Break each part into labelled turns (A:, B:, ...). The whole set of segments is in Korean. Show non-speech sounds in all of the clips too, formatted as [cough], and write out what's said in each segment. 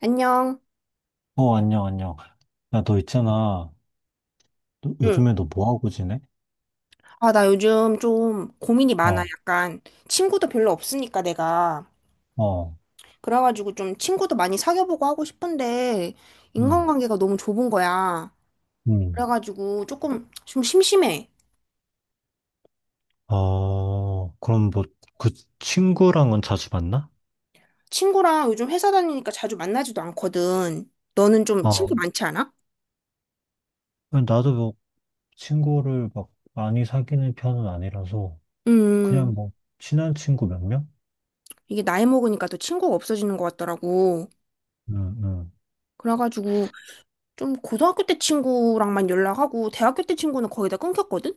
A: 안녕.
B: 어, 안녕, 안녕. 야, 너 있잖아. 너,
A: 응,
B: 요즘에 너 뭐 하고 지내?
A: 아, 나 요즘 좀 고민이 많아.
B: 어,
A: 약간 친구도 별로 없으니까 내가.
B: 어,
A: 그래가지고 좀 친구도 많이 사귀어보고 하고 싶은데
B: 음,
A: 인간관계가 너무 좁은 거야.
B: 음.
A: 그래가지고 조금 좀 심심해.
B: 어, 그럼 뭐, 그 친구랑은 자주 만나?
A: 친구랑 요즘 회사 다니니까 자주 만나지도 않거든. 너는 좀
B: 어,
A: 친구 많지 않아?
B: 나도 뭐, 친구를 막 많이 사귀는 편은 아니라서,
A: 음,
B: 그냥 뭐, 친한 친구 몇 명?
A: 이게 나이 먹으니까 또 친구가 없어지는 것 같더라고.
B: 응, 응.
A: 그래가지고 좀 고등학교 때 친구랑만 연락하고 대학교 때 친구는 거의 다 끊겼거든?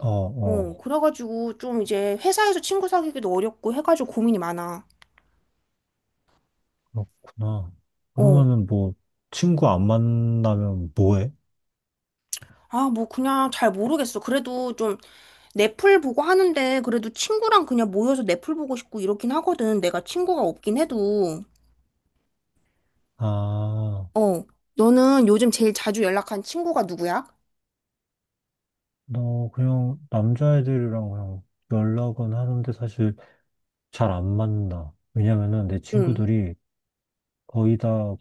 B: 어, 어,
A: 어, 그래가지고 좀 이제 회사에서 친구 사귀기도 어렵고 해가지고 고민이 많아.
B: 그렇구나.
A: 어.
B: 그러면은 뭐, 친구 안 만나면 뭐 해?
A: 아, 뭐 그냥 잘 모르겠어. 그래도 좀 넷플 보고 하는데 그래도 친구랑 그냥 모여서 넷플 보고 싶고 이렇긴 하거든. 내가 친구가 없긴 해도.
B: 아,
A: 어. 너는 요즘 제일 자주 연락한 친구가 누구야?
B: 너 그냥 남자애들이랑 그냥 연락은 하는데 사실 잘 안 만나. 왜냐면은 내
A: 응,
B: 친구들이 거의 다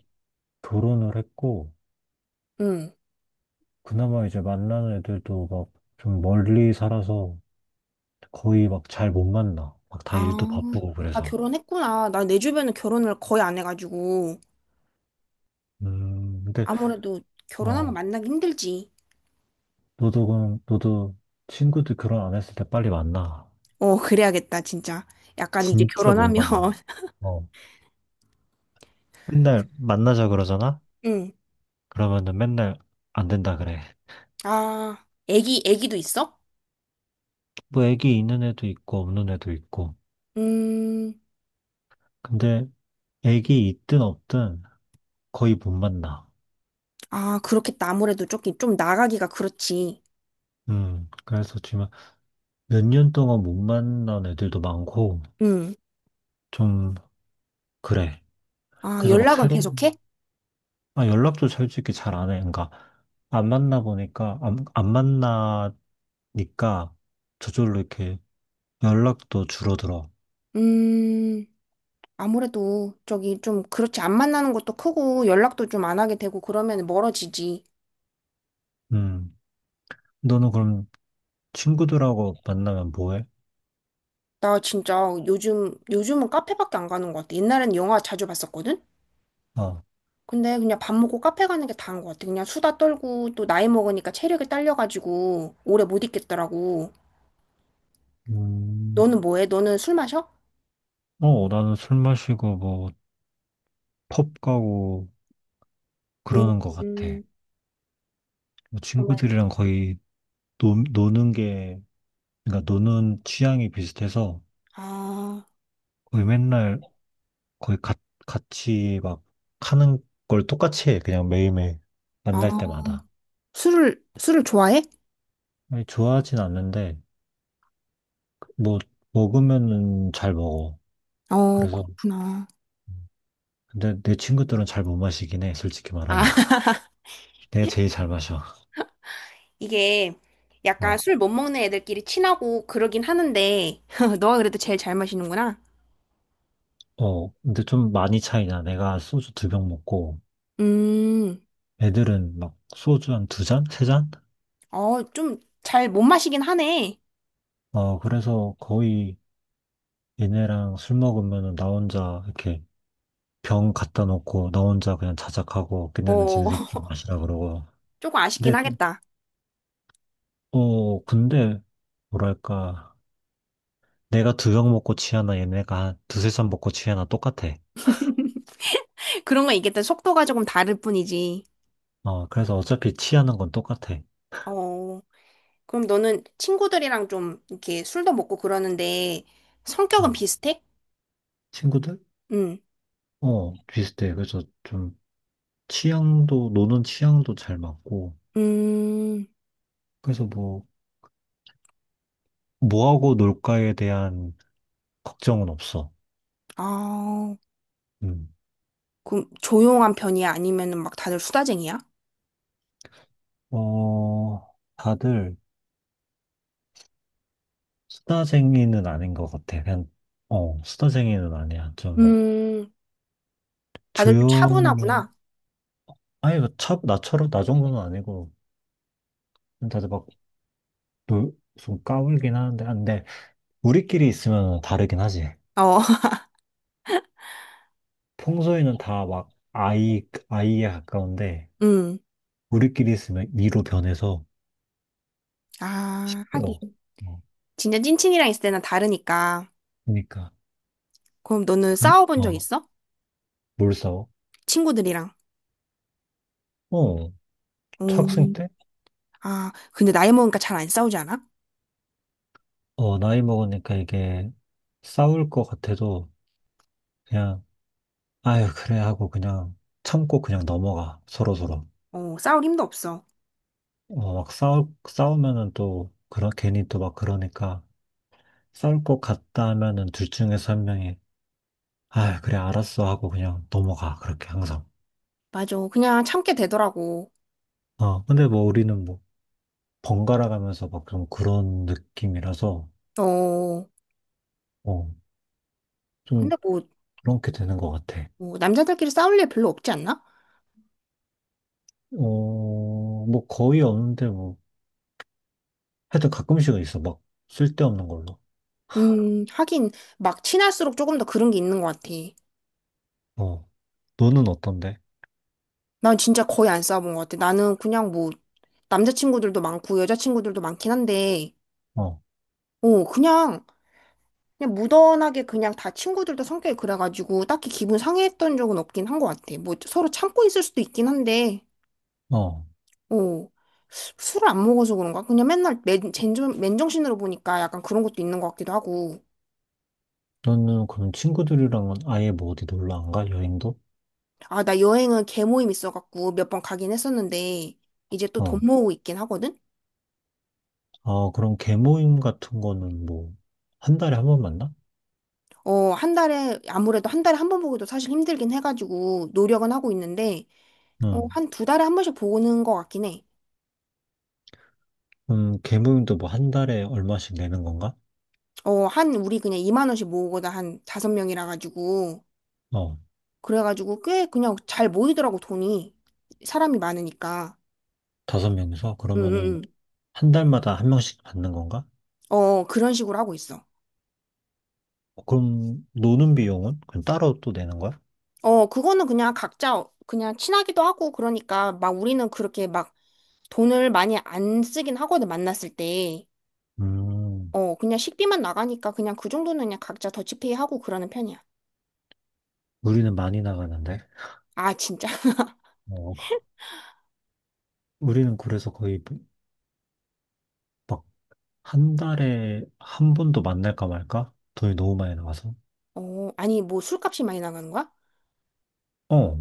B: 결혼을 했고,
A: 응.
B: 그나마 이제 만나는 애들도 막 좀 멀리 살아서 거의 막 잘 못 만나. 막 다
A: 아,
B: 일도 바쁘고
A: 아
B: 그래서.
A: 결혼했구나. 나 내 주변은 결혼을 거의 안 해가지고.
B: 근데,
A: 아무래도 결혼하면
B: 어,
A: 만나기 힘들지.
B: 너도, 너도 친구들 결혼 안 했을 때 빨리 만나.
A: 어, 그래야겠다, 진짜. 약간 이제
B: 진짜 못
A: 결혼하면.
B: 만나.
A: [laughs]
B: 어, 맨날 만나자 그러잖아?
A: 응.
B: 그러면은 맨날 안 된다 그래.
A: 아, 애기도 있어?
B: 뭐 애기 있는 애도 있고 없는 애도 있고.
A: 음,
B: 근데 애기 있든 없든 거의 못 만나.
A: 아, 그렇겠다. 아무래도 좀 나가기가 그렇지.
B: 그래서 지금 몇 년 동안 못 만난 애들도 많고,
A: 음,
B: 좀, 그래.
A: 아,
B: 그래서 막
A: 연락은
B: 새로운,
A: 계속해?
B: 아, 연락도 솔직히 잘 안 해. 그러니까, 안 만나 보니까, 안 만나니까, 저절로 이렇게 연락도 줄어들어.
A: 음, 아무래도 저기 좀 그렇지. 안 만나는 것도 크고 연락도 좀 안 하게 되고 그러면 멀어지지.
B: 음, 너는 그럼 친구들하고 만나면 뭐 해?
A: 나 진짜 요즘은 카페밖에 안 가는 것 같아. 옛날엔 영화 자주 봤었거든?
B: 아,
A: 근데 그냥 밥 먹고 카페 가는 게 다인 것 같아. 그냥 수다 떨고 또 나이 먹으니까 체력이 딸려가지고 오래 못 있겠더라고.
B: 음,
A: 너는 뭐 해? 너는 술 마셔?
B: 어, 나는 술 마시고, 뭐, 펍 가고,
A: 음.
B: 그러는 것 같아. 뭐
A: 그러면
B: 친구들이랑 거의, 노는 게 그러니까 노는 취향이 비슷해서
A: 아,
B: 거의 맨날 거의 가- 같이 막 하는 걸 똑같이 해. 그냥 매일매일 만날
A: 아,
B: 때마다.
A: 술을 좋아해?
B: 아니, 좋아하진 않는데 뭐 먹으면은 잘 먹어.
A: 어,
B: 그래서
A: 그렇구나.
B: 근데 내 친구들은 잘 못 마시긴 해. 솔직히 말하면
A: 아,
B: [laughs]
A: [laughs]
B: 내가 제일 잘 마셔.
A: 이게 약간
B: 아,
A: 술 못 먹는 애들끼리 친하고 그러긴 하는데 [laughs] 너가 그래도 제일 잘 마시는구나.
B: 어, 근데 좀 많이 차이나. 내가 소주 2병 먹고
A: 음,
B: 애들은 막 소주 한 두 잔, 세 잔?
A: 어, 좀 잘 못 마시긴 하네.
B: 어, 그래서 거의 얘네랑 술 먹으면은 나 혼자 이렇게 병 갖다 놓고 나 혼자 그냥 자작하고 걔네는
A: 어,
B: 지네들끼리
A: [laughs]
B: 마시라 그러고
A: 조금 아쉽긴
B: 근데 또
A: 하겠다.
B: 어, 근데 뭐랄까 내가 2병 먹고 취하나 얘네가 한 두세 잔 먹고 취하나 똑같아.
A: [laughs] 그런 거 있겠다. 속도가 조금 다를 뿐이지.
B: 어, 그래서 어차피 취하는 건 똑같아.
A: 어, 그럼 너는 친구들이랑 좀 이렇게 술도 먹고 그러는데 성격은
B: 어,
A: 비슷해?
B: 친구들?
A: 응.
B: 어, 비슷해. 그래서 좀 취향도 노는 취향도 잘 맞고
A: 음,
B: 그래서 뭐 뭐하고 놀까에 대한 걱정은 없어.
A: 아.
B: 음.
A: 그 조용한 편이야? 아니면은 막 다들 수다쟁이야?
B: 어, 다들 수다쟁이는 아닌 것 같아. 그냥, 어, 수다쟁이는 아니야. 좀,
A: 음, 다들 좀
B: 조용히,
A: 차분하구나.
B: 아니, 나처럼, 나 정도는 아니고, 다들 막, 좀 까불긴 하는데, 아, 근데, 우리끼리 있으면 다르긴 하지.
A: 어, [laughs]
B: 평소에는 다 막, 아이에 가까운데,
A: 음.
B: 우리끼리 있으면 이로 변해서
A: 아,
B: 시끄러워.
A: 하긴.
B: 어,
A: 진짜 찐친이랑 있을 때는 다르니까.
B: 그러니까,
A: 그럼 너는
B: 음,
A: 싸워본 적
B: 어,
A: 있어?
B: 뭘 싸워?
A: 친구들이랑.
B: 어, 학생
A: 음.
B: 때?
A: 아, 근데 나이 먹으니까 잘 안 싸우지 않아?
B: 어, 나이 먹으니까 이게 싸울 것 같아도, 그냥 아유, 그래 하고 그냥 참고 그냥 넘어가. 서로서로.
A: 어, 싸울 힘도 없어.
B: 어, 막 싸우면은 또, 그런, 괜히 또 막 그러니까, 싸울 것 같다 하면은 둘 중에서 한 명이, 아유, 그래, 알았어 하고 그냥 넘어가. 그렇게 항상.
A: 맞아. 그냥 참게 되더라고.
B: 어, 근데 뭐 우리는 뭐, 번갈아 가면서 막 좀 그런 느낌이라서,
A: 어,
B: 어, 좀
A: 근데 뭐,
B: 그렇게 되는 것 같아.
A: 뭐 남자들끼리 싸울 일 별로 없지 않나?
B: 어, 뭐 거의 없는데 뭐, 하여튼 가끔씩은 있어. 막, 쓸데없는 걸로.
A: 하긴, 막 친할수록 조금 더 그런 게 있는 것 같아.
B: 어, 너는 어떤데?
A: 난 진짜 거의 안 싸워본 것 같아. 나는 그냥 뭐, 남자친구들도 많고 여자친구들도 많긴 한데,
B: 어,
A: 어, 그냥, 그냥 무던하게 그냥 다 친구들도 성격이 그래가지고 딱히 기분 상해했던 적은 없긴 한 것 같아. 뭐 서로 참고 있을 수도 있긴 한데,
B: 어.
A: 어, 술을 안 먹어서 그런가? 그냥 맨날 맨정신으로 보니까 약간 그런 것도 있는 것 같기도 하고.
B: 너는 그럼 친구들이랑은 아예 뭐 어디 놀러 안 가? 여행도?
A: 아, 나 여행은 개모임 있어갖고 몇 번 가긴 했었는데, 이제 또 돈
B: 어.
A: 모으고 있긴 하거든?
B: 아, 그럼 개모임 같은 거는 뭐, 한 달에 한 번 만나?
A: 어, 한 달에, 아무래도 한 달에 한 번 보기도 사실 힘들긴 해가지고 노력은 하고 있는데, 어,
B: 응.
A: 한 두 달에 한 번씩 보는 것 같긴 해.
B: 개모임도 뭐 한 달에 얼마씩 내는 건가?
A: 어, 한, 우리 그냥 2만 원씩 모으거나 한 다섯 명이라 가지고.
B: 어.
A: 그래가지고 꽤 그냥 잘 모이더라고, 돈이. 사람이 많으니까.
B: 다섯 명이서?
A: 응,
B: 그러면은
A: 응,
B: 한 달마다 한 명씩 받는 건가?
A: 응. 어, 그런 식으로 하고 있어.
B: 어, 그럼 노는 비용은? 그럼 따로 또 내는 거야?
A: 어, 그거는 그냥 각자 그냥 친하기도 하고 그러니까 막 우리는 그렇게 막 돈을 많이 안 쓰긴 하거든, 만났을 때.
B: 음,
A: 어, 그냥 식비만 나가니까 그냥 그 정도는 그냥 각자 더치페이 하고 그러는 편이야.
B: 우리는 많이 나가는데.
A: 아, 진짜? [laughs]
B: 어, 우리는 그래서 거의 막 한 달에 한 번도 만날까 말까? 돈이 너무 많이 나가서.
A: 어, 아니, 뭐 술값이 많이 나가는 거야?
B: 어,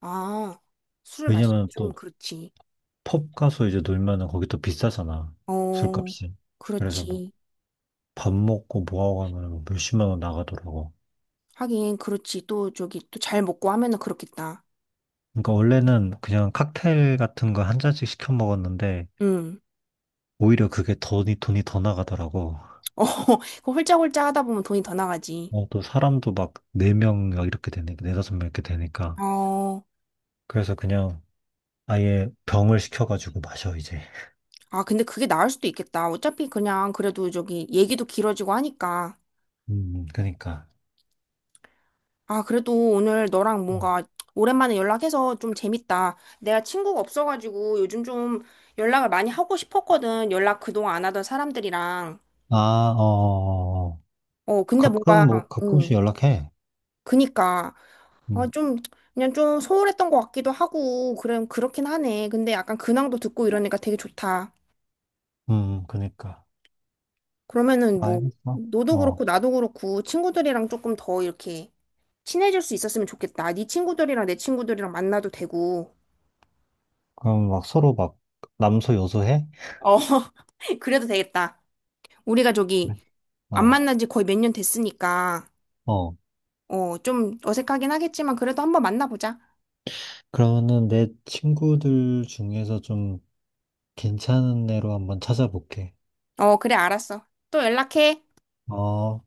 A: 아, 술을 마시면
B: 왜냐면
A: 좀
B: 또
A: 그렇지.
B: 펍 가서 이제 놀면은 거기 또 비싸잖아.
A: 어,
B: 술값이. 그래서 막
A: 그렇지.
B: 밥 먹고 뭐하고 하면은 뭐 몇십만 원 나가더라고.
A: 하긴, 그렇지. 또 저기, 또 잘 먹고 하면은 그렇겠다.
B: 그러니까 원래는 그냥 칵테일 같은 거 한 잔씩 시켜 먹었는데
A: 응.
B: 오히려 그게 돈이 더 나가더라고.
A: 어, [laughs] 그 홀짝홀짝 하다 보면 돈이 더 나가지.
B: 어, 또 사람도 막 4명 이렇게 되니까, 4~5명 이렇게 되니까.
A: 어,
B: 그래서 그냥 아예 병을 시켜가지고 마셔, 이제.
A: 아, 근데 그게 나을 수도 있겠다. 어차피 그냥 그래도 저기 얘기도 길어지고 하니까.
B: 그니까.
A: 아, 그래도 오늘 너랑 뭔가 오랜만에 연락해서 좀 재밌다. 내가 친구가 없어가지고 요즘 좀 연락을 많이 하고 싶었거든. 연락 그동안 안 하던 사람들이랑.
B: 아, 어, 어, 어. 어.
A: 어, 근데
B: 가끔
A: 뭔가,
B: 뭐 가끔씩
A: 어,
B: 연락해.
A: 그니까 아,
B: 음,
A: 좀 그냥 좀 소홀했던 것 같기도 하고 그럼 그렇긴 하네. 근데 약간 근황도 듣고 이러니까 되게 좋다.
B: 그니까.
A: 그러면은 뭐
B: 알겠어.
A: 너도
B: 어.
A: 그렇고 나도 그렇고 친구들이랑 조금 더 이렇게 친해질 수 있었으면 좋겠다. 네 친구들이랑 내 친구들이랑 만나도 되고.
B: 그럼 막 서로 막 남소 여소해?
A: 어, [laughs] 그래도 되겠다. 우리가 저기 안
B: 어,
A: 만난 지 거의 몇 년 됐으니까
B: 어.
A: 어, 좀 어색하긴 하겠지만 그래도 한번 만나보자.
B: 그러면은 내 친구들 중에서 좀 괜찮은 애로 한번 찾아볼게.
A: 어, 그래 알았어. 또 연락해.
B: 어.